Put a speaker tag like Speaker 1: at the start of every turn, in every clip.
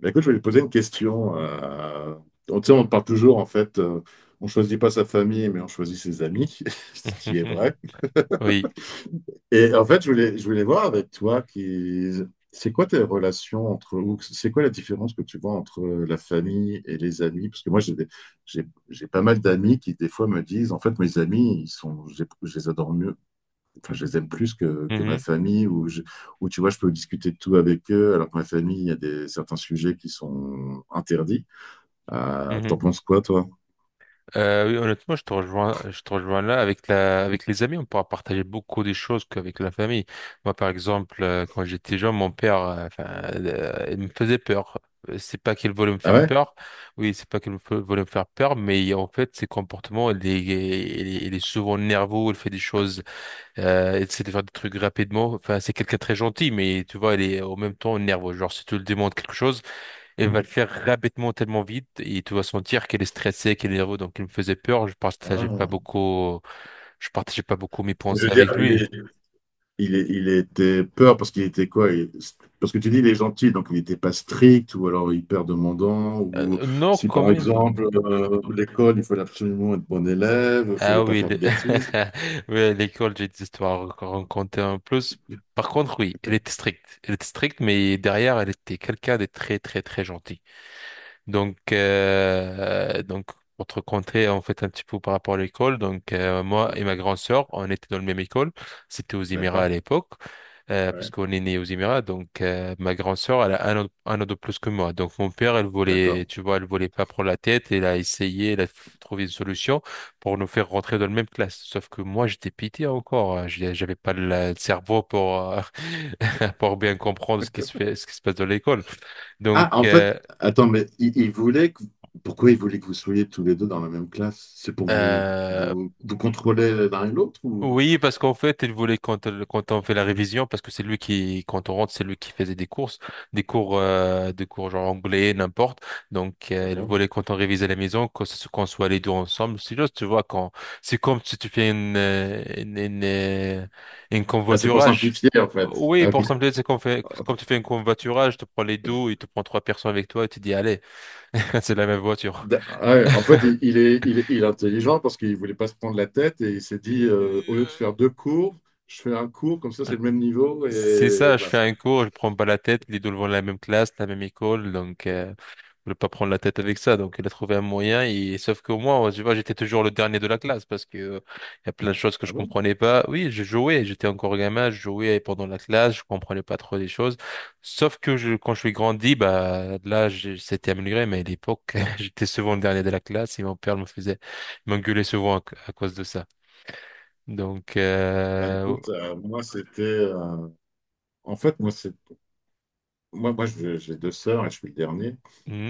Speaker 1: Mais écoute, je voulais te poser une question. Tu sais, on parle toujours, en fait, on choisit pas sa famille, mais on choisit ses amis, ce qui est vrai.
Speaker 2: Oui.
Speaker 1: Et en fait, je voulais voir avec toi, c'est quoi tes relations entre, ou c'est quoi la différence que tu vois entre la famille et les amis? Parce que moi, j'ai pas mal d'amis qui, des fois, me disent, en fait, mes amis, ils sont, je les adore mieux, enfin, je les aime plus que ma
Speaker 2: Mhm.
Speaker 1: famille, ou tu vois, je peux discuter de tout avec eux, alors que ma famille, il y a certains sujets qui sont interdits. T'en
Speaker 2: Mhm.
Speaker 1: penses quoi, toi?
Speaker 2: Oui, honnêtement, je te rejoins là. Avec les amis, on pourra partager beaucoup des choses qu'avec la famille. Moi, par exemple, quand j'étais jeune, mon père, enfin, il me faisait peur. C'est pas qu'il voulait me
Speaker 1: Ah
Speaker 2: faire
Speaker 1: ouais?
Speaker 2: peur. Oui, c'est pas qu'il voulait me faire peur, mais en fait, ses comportements, il est souvent nerveux, il fait des choses, il essaie de faire des trucs rapidement. Enfin, c'est quelqu'un de très gentil, mais tu vois, il est en même temps nerveux. Genre, si tu lui demandes quelque chose, elle va le faire rapidement, tellement vite, et tu vas sentir qu'elle est stressée, qu'elle est nerveuse, donc elle me faisait peur. Je partageais pas
Speaker 1: Ah.
Speaker 2: beaucoup, je partageais pas beaucoup mes
Speaker 1: Je veux
Speaker 2: pensées
Speaker 1: dire,
Speaker 2: avec lui.
Speaker 1: il était peur parce qu'il était quoi? Parce que tu dis, il est gentil, donc il n'était pas strict ou alors hyper demandant. Ou
Speaker 2: Non,
Speaker 1: si
Speaker 2: quand
Speaker 1: par
Speaker 2: même.
Speaker 1: exemple, l'école, il fallait absolument être bon élève, il fallait
Speaker 2: Ah
Speaker 1: pas
Speaker 2: oui,
Speaker 1: faire de bêtises.
Speaker 2: oui, à l'école, j'ai des histoires à raconter en plus. Par contre, oui, elle était stricte, mais derrière, elle était quelqu'un de très, très, très gentil. Donc, pour te raconter en fait un petit peu par rapport à l'école, donc moi
Speaker 1: Euh,
Speaker 2: et ma grande sœur, on était dans le même école, c'était aux Émirats à
Speaker 1: D'accord?
Speaker 2: l'époque, parce
Speaker 1: Ouais,
Speaker 2: qu'on est né aux Émirats, donc ma grande sœur, elle a un an de plus que moi, donc mon père, elle voulait,
Speaker 1: d'accord.
Speaker 2: tu vois, elle voulait pas prendre la tête, elle a essayé, elle a trouvé une solution pour nous faire rentrer dans la même classe, sauf que moi j'étais pitié encore, hein, j'avais pas le cerveau pour pour bien comprendre ce qui se fait, ce qui se passe dans l'école, donc
Speaker 1: Ah, en fait,
Speaker 2: euh,
Speaker 1: attends, mais pourquoi il voulait que vous soyez tous les deux dans la même classe? C'est pour vous,
Speaker 2: euh,
Speaker 1: vous, vous contrôler l'un et l'autre ou...
Speaker 2: Oui, parce qu'en fait, il voulait quand on fait la révision, parce que c'est lui qui, quand on rentre, c'est lui qui faisait des courses, des cours, genre anglais, n'importe. Donc, il
Speaker 1: D'accord.
Speaker 2: voulait quand on révisait à la maison, qu'on soit les deux ensemble. C'est juste, tu vois, c'est comme si tu fais une
Speaker 1: Ah, c'est pour
Speaker 2: convoiturage.
Speaker 1: simplifier, en fait.
Speaker 2: Oui,
Speaker 1: Ah, ok.
Speaker 2: pour simplifier, c'est comme, fait, comme tu fais un convoiturage, tu prends les deux, il te prend trois personnes avec toi et tu dis, allez, c'est la même voiture.
Speaker 1: Ah ouais, en fait, il est intelligent parce qu'il voulait pas se prendre la tête et il s'est dit au lieu de faire deux cours, je fais un cours, comme ça
Speaker 2: Euh,
Speaker 1: c'est le même niveau
Speaker 2: C'est ça,
Speaker 1: et
Speaker 2: je fais
Speaker 1: basta.
Speaker 2: un cours, je prends pas la tête, les deux vont de la même classe, la même école, donc je ne pas prendre la tête avec ça. Donc il a trouvé un moyen, et sauf que moi, tu vois, j'étais toujours le dernier de la classe parce que il y a plein de choses que
Speaker 1: Ah
Speaker 2: je
Speaker 1: bon?
Speaker 2: comprenais pas. Oui, je jouais, j'étais encore gamin, je jouais pendant la classe, je comprenais pas trop les choses. Sauf que quand je suis grandi, bah là, c'était amélioré, mais à l'époque, j'étais souvent le dernier de la classe et mon père me faisait m'engueuler souvent à, cause de ça. Donc
Speaker 1: Bah
Speaker 2: euh...
Speaker 1: écoute, moi c'était. En fait, moi c'est. Moi, moi je- j'ai deux sœurs et je suis le dernier.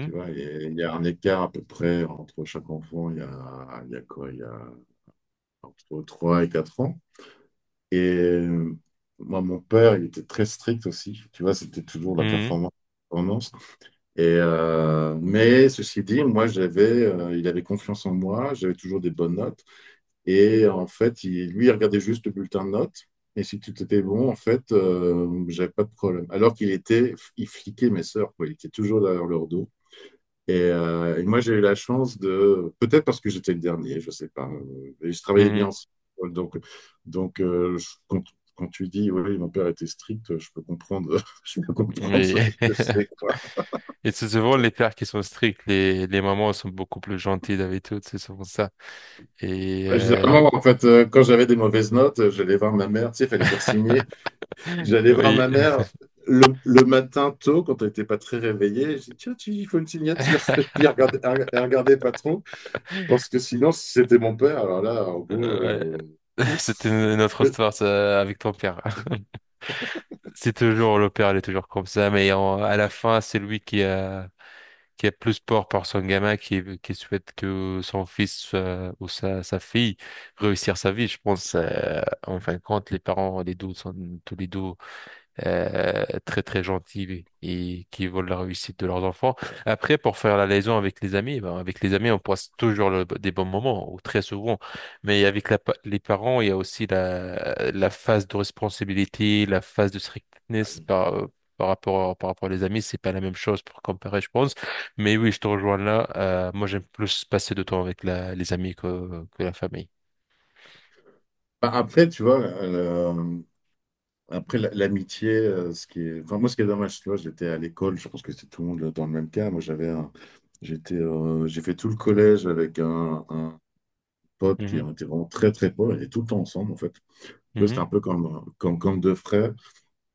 Speaker 1: Tu vois, et il y a un écart à peu près entre chaque enfant, il y a quoi? Il y a entre 3 et 4 ans. Et moi, mon père, il était très strict aussi. Tu vois, c'était toujours la
Speaker 2: mhm,
Speaker 1: performance. Mais ceci dit, moi, il avait confiance en moi, j'avais toujours des bonnes notes. Et en fait, lui, il regardait juste le bulletin de notes. Et si tout était bon, en fait, j'avais pas de problème. Alors qu'il fliquait mes sœurs, quoi. Il était toujours derrière leur dos. Et, moi, j'ai eu la chance de, peut-être parce que j'étais le dernier, je sais pas. Et je travaillais bien
Speaker 2: mhm.
Speaker 1: ensemble. Donc, donc, quand tu dis, oui, mon père était strict, je peux comprendre, je peux comprendre
Speaker 2: Oui.
Speaker 1: ce que c'est.
Speaker 2: Et c'est souvent les pères qui sont stricts, les mamans sont beaucoup plus gentilles d'habitude, c'est souvent ça. Et
Speaker 1: Ouais, généralement, en fait, quand j'avais des mauvaises notes, j'allais voir ma mère, tu sais, il fallait faire signer. J'allais voir
Speaker 2: oui,
Speaker 1: ma mère le matin tôt, quand elle n'était pas très réveillée. Je dis, tiens, il faut une signature. Et puis, elle regardait pas trop, parce que sinon, si c'était mon père, alors là, en gros,
Speaker 2: ouais. C'était une
Speaker 1: ouf.
Speaker 2: une autre
Speaker 1: Peu-
Speaker 2: histoire ça, avec ton père. C'est toujours le père, il est toujours comme ça, mais à la fin, c'est lui qui a plus peur par son gamin, qui souhaite que son fils ou sa fille réussir sa vie. Je pense, en fin de compte, les parents, les deux sont tous les deux, très très gentils et qui veulent la réussite de leurs enfants. Après, pour faire la liaison avec les amis, ben, avec les amis, on passe toujours des bons moments, ou très souvent. Mais avec les parents, il y a aussi la phase de responsabilité, la phase de strictness par rapport à les amis. C'est pas la même chose pour comparer, je pense. Mais oui, je te rejoins là. Moi, j'aime plus passer de temps avec les amis que la famille.
Speaker 1: Bah, après, tu vois, après l'amitié, enfin, moi, ce qui est dommage, tu vois, j'étais à l'école, je pense que c'est tout le monde dans le même cas. Moi, j'ai fait tout le collège avec un, potes qui
Speaker 2: Mhm,
Speaker 1: ont été vraiment très très potes, on était tout le temps ensemble en fait. Tu vois, c'était
Speaker 2: mhm,
Speaker 1: un peu comme deux frères.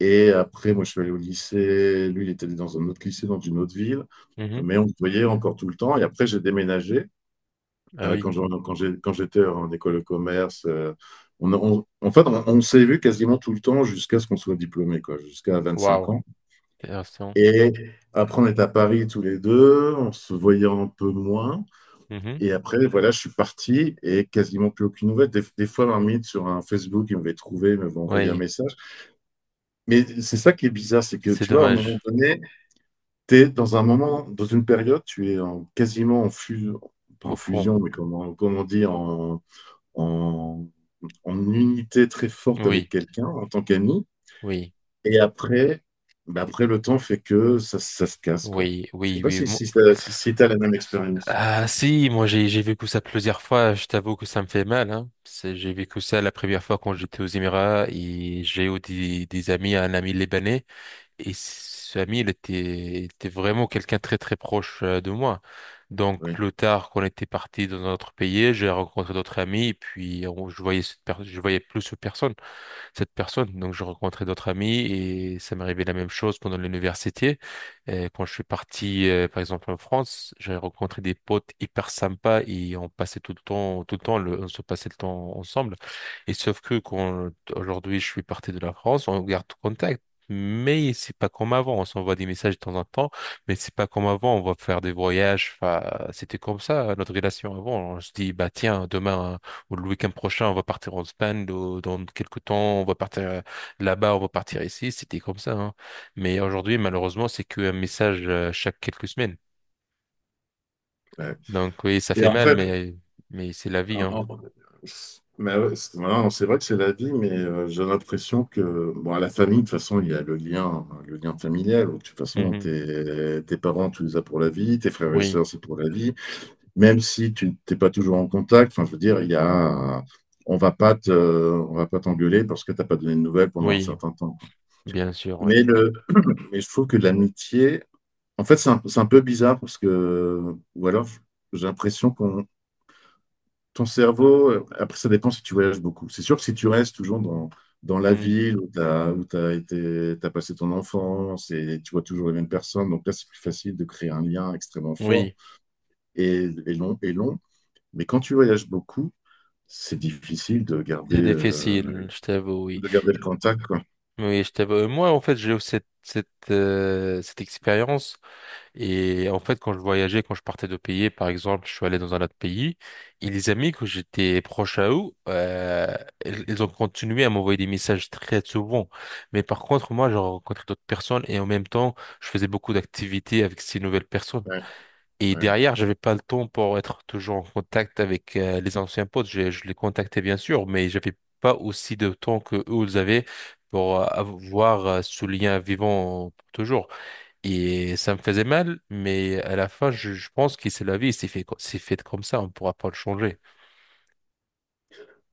Speaker 1: Et après, moi, je suis allé au lycée. Lui, il était dans un autre lycée, dans une autre ville.
Speaker 2: mhm.
Speaker 1: Mais on se voyait encore tout le temps. Et après, j'ai déménagé.
Speaker 2: Ah
Speaker 1: Euh,
Speaker 2: oui.
Speaker 1: quand j'en- quand j'ai- quand j'étais en école de commerce, en fait, on s'est vu quasiment tout le temps jusqu'à ce qu'on soit diplômé, quoi, jusqu'à 25
Speaker 2: Waouh.
Speaker 1: ans.
Speaker 2: Intéressant.
Speaker 1: Et après, on était à Paris tous les deux. On se voyait un peu moins.
Speaker 2: Mhm.
Speaker 1: Et après, voilà, je suis parti et quasiment plus aucune nouvelle. Des fois, un sur un Facebook, il m'avait trouvé, il m'avait envoyé un
Speaker 2: Oui.
Speaker 1: message. Mais c'est ça qui est bizarre, c'est que
Speaker 2: C'est
Speaker 1: tu vois, à un moment
Speaker 2: dommage.
Speaker 1: donné, tu es dans un moment, dans une période, quasiment en fusion, pas en
Speaker 2: Au front.
Speaker 1: fusion, mais comment dire, en, en unité très forte avec
Speaker 2: Oui,
Speaker 1: quelqu'un en tant qu'ami.
Speaker 2: oui,
Speaker 1: Et après, bah après, le temps fait que ça se casse, quoi.
Speaker 2: oui,
Speaker 1: Je sais
Speaker 2: oui,
Speaker 1: pas
Speaker 2: oui.
Speaker 1: si, si, t'as- si, si t'as la même expérience.
Speaker 2: Ah si, moi j'ai vécu ça plusieurs fois. Je t'avoue que ça me fait mal. Hein. J'ai vécu ça la première fois quand j'étais aux Émirats et j'ai eu des amis, un ami libanais et ce ami il était vraiment quelqu'un très très proche de moi. Donc
Speaker 1: Oui.
Speaker 2: plus tard, qu'on était parti dans un autre pays, j'ai rencontré d'autres amis et puis je voyais je voyais plus cette personne. Donc, je rencontrais d'autres amis et ça m'est arrivé la même chose pendant l'université. Quand je suis parti, par exemple, en France, j'ai rencontré des potes hyper sympas et on passait tout le temps, on se passait le temps ensemble. Et sauf que quand aujourd'hui je suis parti de la France, on garde contact. Mais c'est pas comme avant, on s'envoie des messages de temps en temps, mais c'est pas comme avant, on va faire des voyages, enfin, c'était comme ça, notre relation avant, on se dit, bah tiens, demain, ou le week-end prochain, on va partir en Espagne, dans quelques temps, on va partir là-bas, on va partir ici. C'était comme ça, hein. Mais aujourd'hui, malheureusement, c'est qu'un message chaque quelques semaines.
Speaker 1: Ouais.
Speaker 2: Donc oui, ça
Speaker 1: Et
Speaker 2: fait mal,
Speaker 1: après,
Speaker 2: mais c'est la vie, hein.
Speaker 1: en- Mais ouais, c'est voilà, c'est vrai que c'est la vie, mais j'ai l'impression que bon, à la famille, de toute façon, il y a le lien, hein, le lien familial. De toute façon,
Speaker 2: Mhm.
Speaker 1: tes parents, tu les as pour la vie, tes frères et
Speaker 2: Oui,
Speaker 1: sœurs, c'est pour la vie. Même si tu t'es pas toujours en contact, enfin, je veux dire, il y a, on va pas te, on va pas t'engueuler parce que t'as pas donné de nouvelles pendant un
Speaker 2: oui,
Speaker 1: certain temps, quoi.
Speaker 2: bien sûr,
Speaker 1: Mais
Speaker 2: oui, oui.
Speaker 1: le, mais je trouve que l'amitié, en fait, c'est un peu bizarre parce que, ou alors, j'ai l'impression qu'on ton cerveau, après, ça dépend si tu voyages beaucoup. C'est sûr que si tu restes toujours dans la
Speaker 2: Mhm.
Speaker 1: ville où t'as été, t'as passé ton enfance et tu vois toujours les mêmes personnes, donc là, c'est plus facile de créer un lien extrêmement fort
Speaker 2: Oui,
Speaker 1: et long, et long. Mais quand tu voyages beaucoup, c'est difficile
Speaker 2: c'est difficile, je t'avoue, oui.
Speaker 1: de garder le contact, quoi.
Speaker 2: Oui, je t'avoue. Moi, en fait, j'ai eu cette expérience. Et en fait, quand je voyageais, quand je partais de pays, par exemple, je suis allé dans un autre pays, et les amis que j'étais proche à eux, euh, ils ont continué à m'envoyer des messages très souvent. Mais par contre, moi, j'ai rencontré d'autres personnes et en même temps, je faisais beaucoup d'activités avec ces nouvelles personnes.
Speaker 1: Ouais,
Speaker 2: Et
Speaker 1: ouais.
Speaker 2: derrière, j'avais pas le temps pour être toujours en contact avec les anciens potes. Je les contactais bien sûr, mais j'avais pas aussi de temps que eux ils avaient pour avoir ce lien vivant pour toujours. Et ça me faisait mal, mais à la fin, je pense que c'est la vie, c'est fait, comme ça, on ne pourra pas le changer.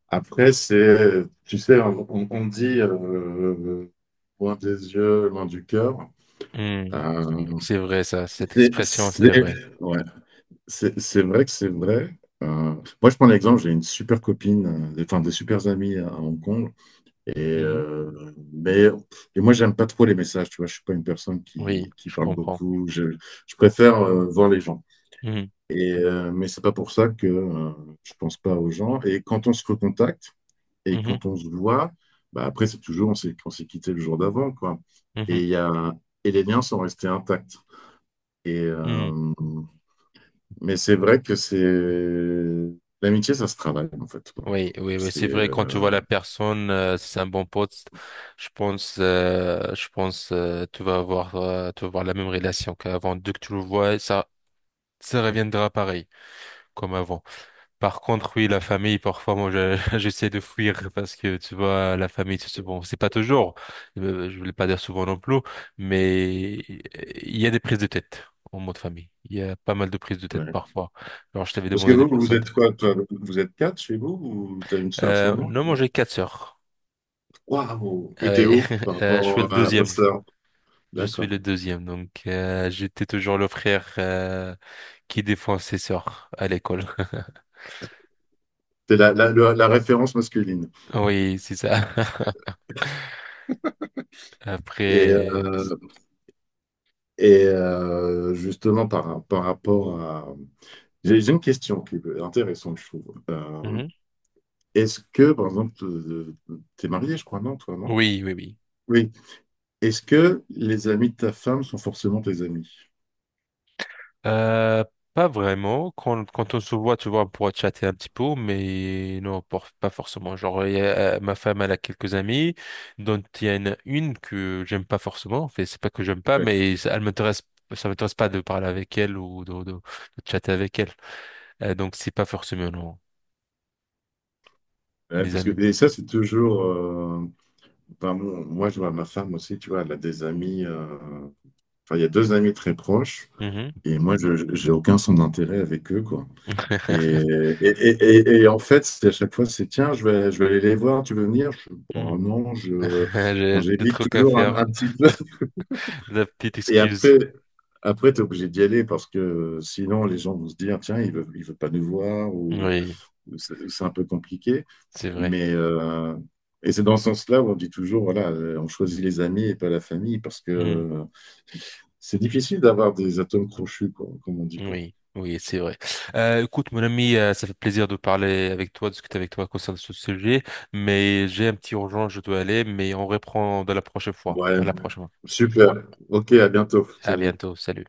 Speaker 1: Après, c'est, tu sais, on dit loin des yeux, loin du cœur.
Speaker 2: Hmm,
Speaker 1: Euh,
Speaker 2: C'est vrai, ça, cette
Speaker 1: c'est,
Speaker 2: expression, c'est
Speaker 1: c'est-
Speaker 2: vrai.
Speaker 1: ouais. C'est vrai que c'est vrai. Moi, je prends l'exemple, j'ai une super copine, enfin des super amis à Hong Kong. Et,
Speaker 2: Hmm,
Speaker 1: euh, mais, et moi, j'aime pas trop les messages, tu vois. Je suis pas une personne
Speaker 2: Oui,
Speaker 1: qui
Speaker 2: je
Speaker 1: parle
Speaker 2: comprends.
Speaker 1: beaucoup. Je préfère voir les gens.
Speaker 2: Hmm,
Speaker 1: Mais c'est pas pour ça que je pense pas aux gens. Et quand on se recontacte et
Speaker 2: mhm,
Speaker 1: quand on se voit, bah, après, c'est toujours, on s'est quitté le jour d'avant, quoi.
Speaker 2: mhm,
Speaker 1: Et, il y a, et les liens sont restés intacts. Et,
Speaker 2: hmm.
Speaker 1: euh, mais c'est vrai que c'est l'amitié, ça se travaille en fait, quoi.
Speaker 2: Oui, oui, oui,
Speaker 1: C'est
Speaker 2: c'est vrai, quand tu vois la personne, c'est un bon pote, je pense, tu vas avoir la même relation qu'avant. Dès que tu le vois, ça reviendra pareil, comme avant. Par contre, oui, la famille, parfois, moi, j'essaie de fuir parce que, tu vois, la famille, c'est bon, c'est pas toujours, je voulais pas dire souvent non plus, mais il y a des prises de tête en mode famille. Il y a pas mal de prises de tête
Speaker 1: ouais.
Speaker 2: parfois. Alors, je t'avais
Speaker 1: Parce que
Speaker 2: demandé de
Speaker 1: vous,
Speaker 2: faire
Speaker 1: vous
Speaker 2: ça.
Speaker 1: êtes quoi, toi? Vous êtes quatre chez vous ou t'as une sœur
Speaker 2: Euh,
Speaker 1: seulement?
Speaker 2: non, moi, j'ai quatre sœurs.
Speaker 1: Waouh!
Speaker 2: Ah
Speaker 1: Et t'es
Speaker 2: ouais.
Speaker 1: où par
Speaker 2: Je suis le
Speaker 1: rapport aux
Speaker 2: deuxième.
Speaker 1: sœurs?
Speaker 2: Je suis
Speaker 1: D'accord.
Speaker 2: le deuxième, donc j'étais toujours le frère qui défend ses sœurs à l'école.
Speaker 1: C'est la référence masculine.
Speaker 2: Oui, c'est ça.
Speaker 1: Et,
Speaker 2: Après,
Speaker 1: euh, et justement, par rapport à... J'ai une question qui est intéressante, je trouve. Euh,
Speaker 2: Mhm.
Speaker 1: est-ce que, par exemple, t'es marié, je crois, non, toi, non?
Speaker 2: Oui, oui, oui.
Speaker 1: Oui. Est-ce que les amis de ta femme sont forcément tes amis?
Speaker 2: Euh, pas vraiment. Quand on se voit, tu vois, on pourra chatter un petit peu, mais non, pas forcément. Genre, ma femme, elle a quelques amis, dont il y en a une que j'aime pas forcément. En fait, c'est pas que j'aime pas,
Speaker 1: Ouais,
Speaker 2: mais elle m'intéresse, ça m'intéresse pas de parler avec elle ou de chatter avec elle. Donc, c'est pas forcément, non,
Speaker 1: ouais,
Speaker 2: les
Speaker 1: parce que
Speaker 2: amis de...
Speaker 1: et ça c'est toujours. Enfin, moi je vois ma femme aussi, tu vois, elle a des amis. Enfin, il y a deux amis très proches
Speaker 2: Mhm.
Speaker 1: et moi j'ai aucun son d'intérêt avec eux quoi. Et, et en fait c'est à chaque fois c'est tiens je vais aller les voir, tu veux venir? Bon,
Speaker 2: Mhm.
Speaker 1: non je. Enfin,
Speaker 2: J'ai des
Speaker 1: j'évite
Speaker 2: trucs à
Speaker 1: toujours
Speaker 2: faire.
Speaker 1: un petit peu.
Speaker 2: La petite
Speaker 1: Et
Speaker 2: excuse.
Speaker 1: après t'es obligé d'y aller parce que sinon les gens vont se dire tiens il veut pas nous voir
Speaker 2: Oui,
Speaker 1: c'est un peu compliqué.
Speaker 2: c'est vrai.
Speaker 1: Mais c'est dans ce sens-là où on dit toujours, voilà, on choisit les amis et pas la famille, parce que
Speaker 2: Mhm.
Speaker 1: c'est difficile d'avoir des atomes crochus, quoi, comme on dit. Quoi.
Speaker 2: Oui, oui, c'est vrai. Écoute, mon ami, ça fait plaisir de parler avec toi, de discuter avec toi concernant ce sujet, mais j'ai un petit urgent, je dois aller, mais on reprend de la prochaine fois.
Speaker 1: Ouais,
Speaker 2: À la prochaine.
Speaker 1: super. Ok, à bientôt.
Speaker 2: À
Speaker 1: Salut.
Speaker 2: bientôt, salut.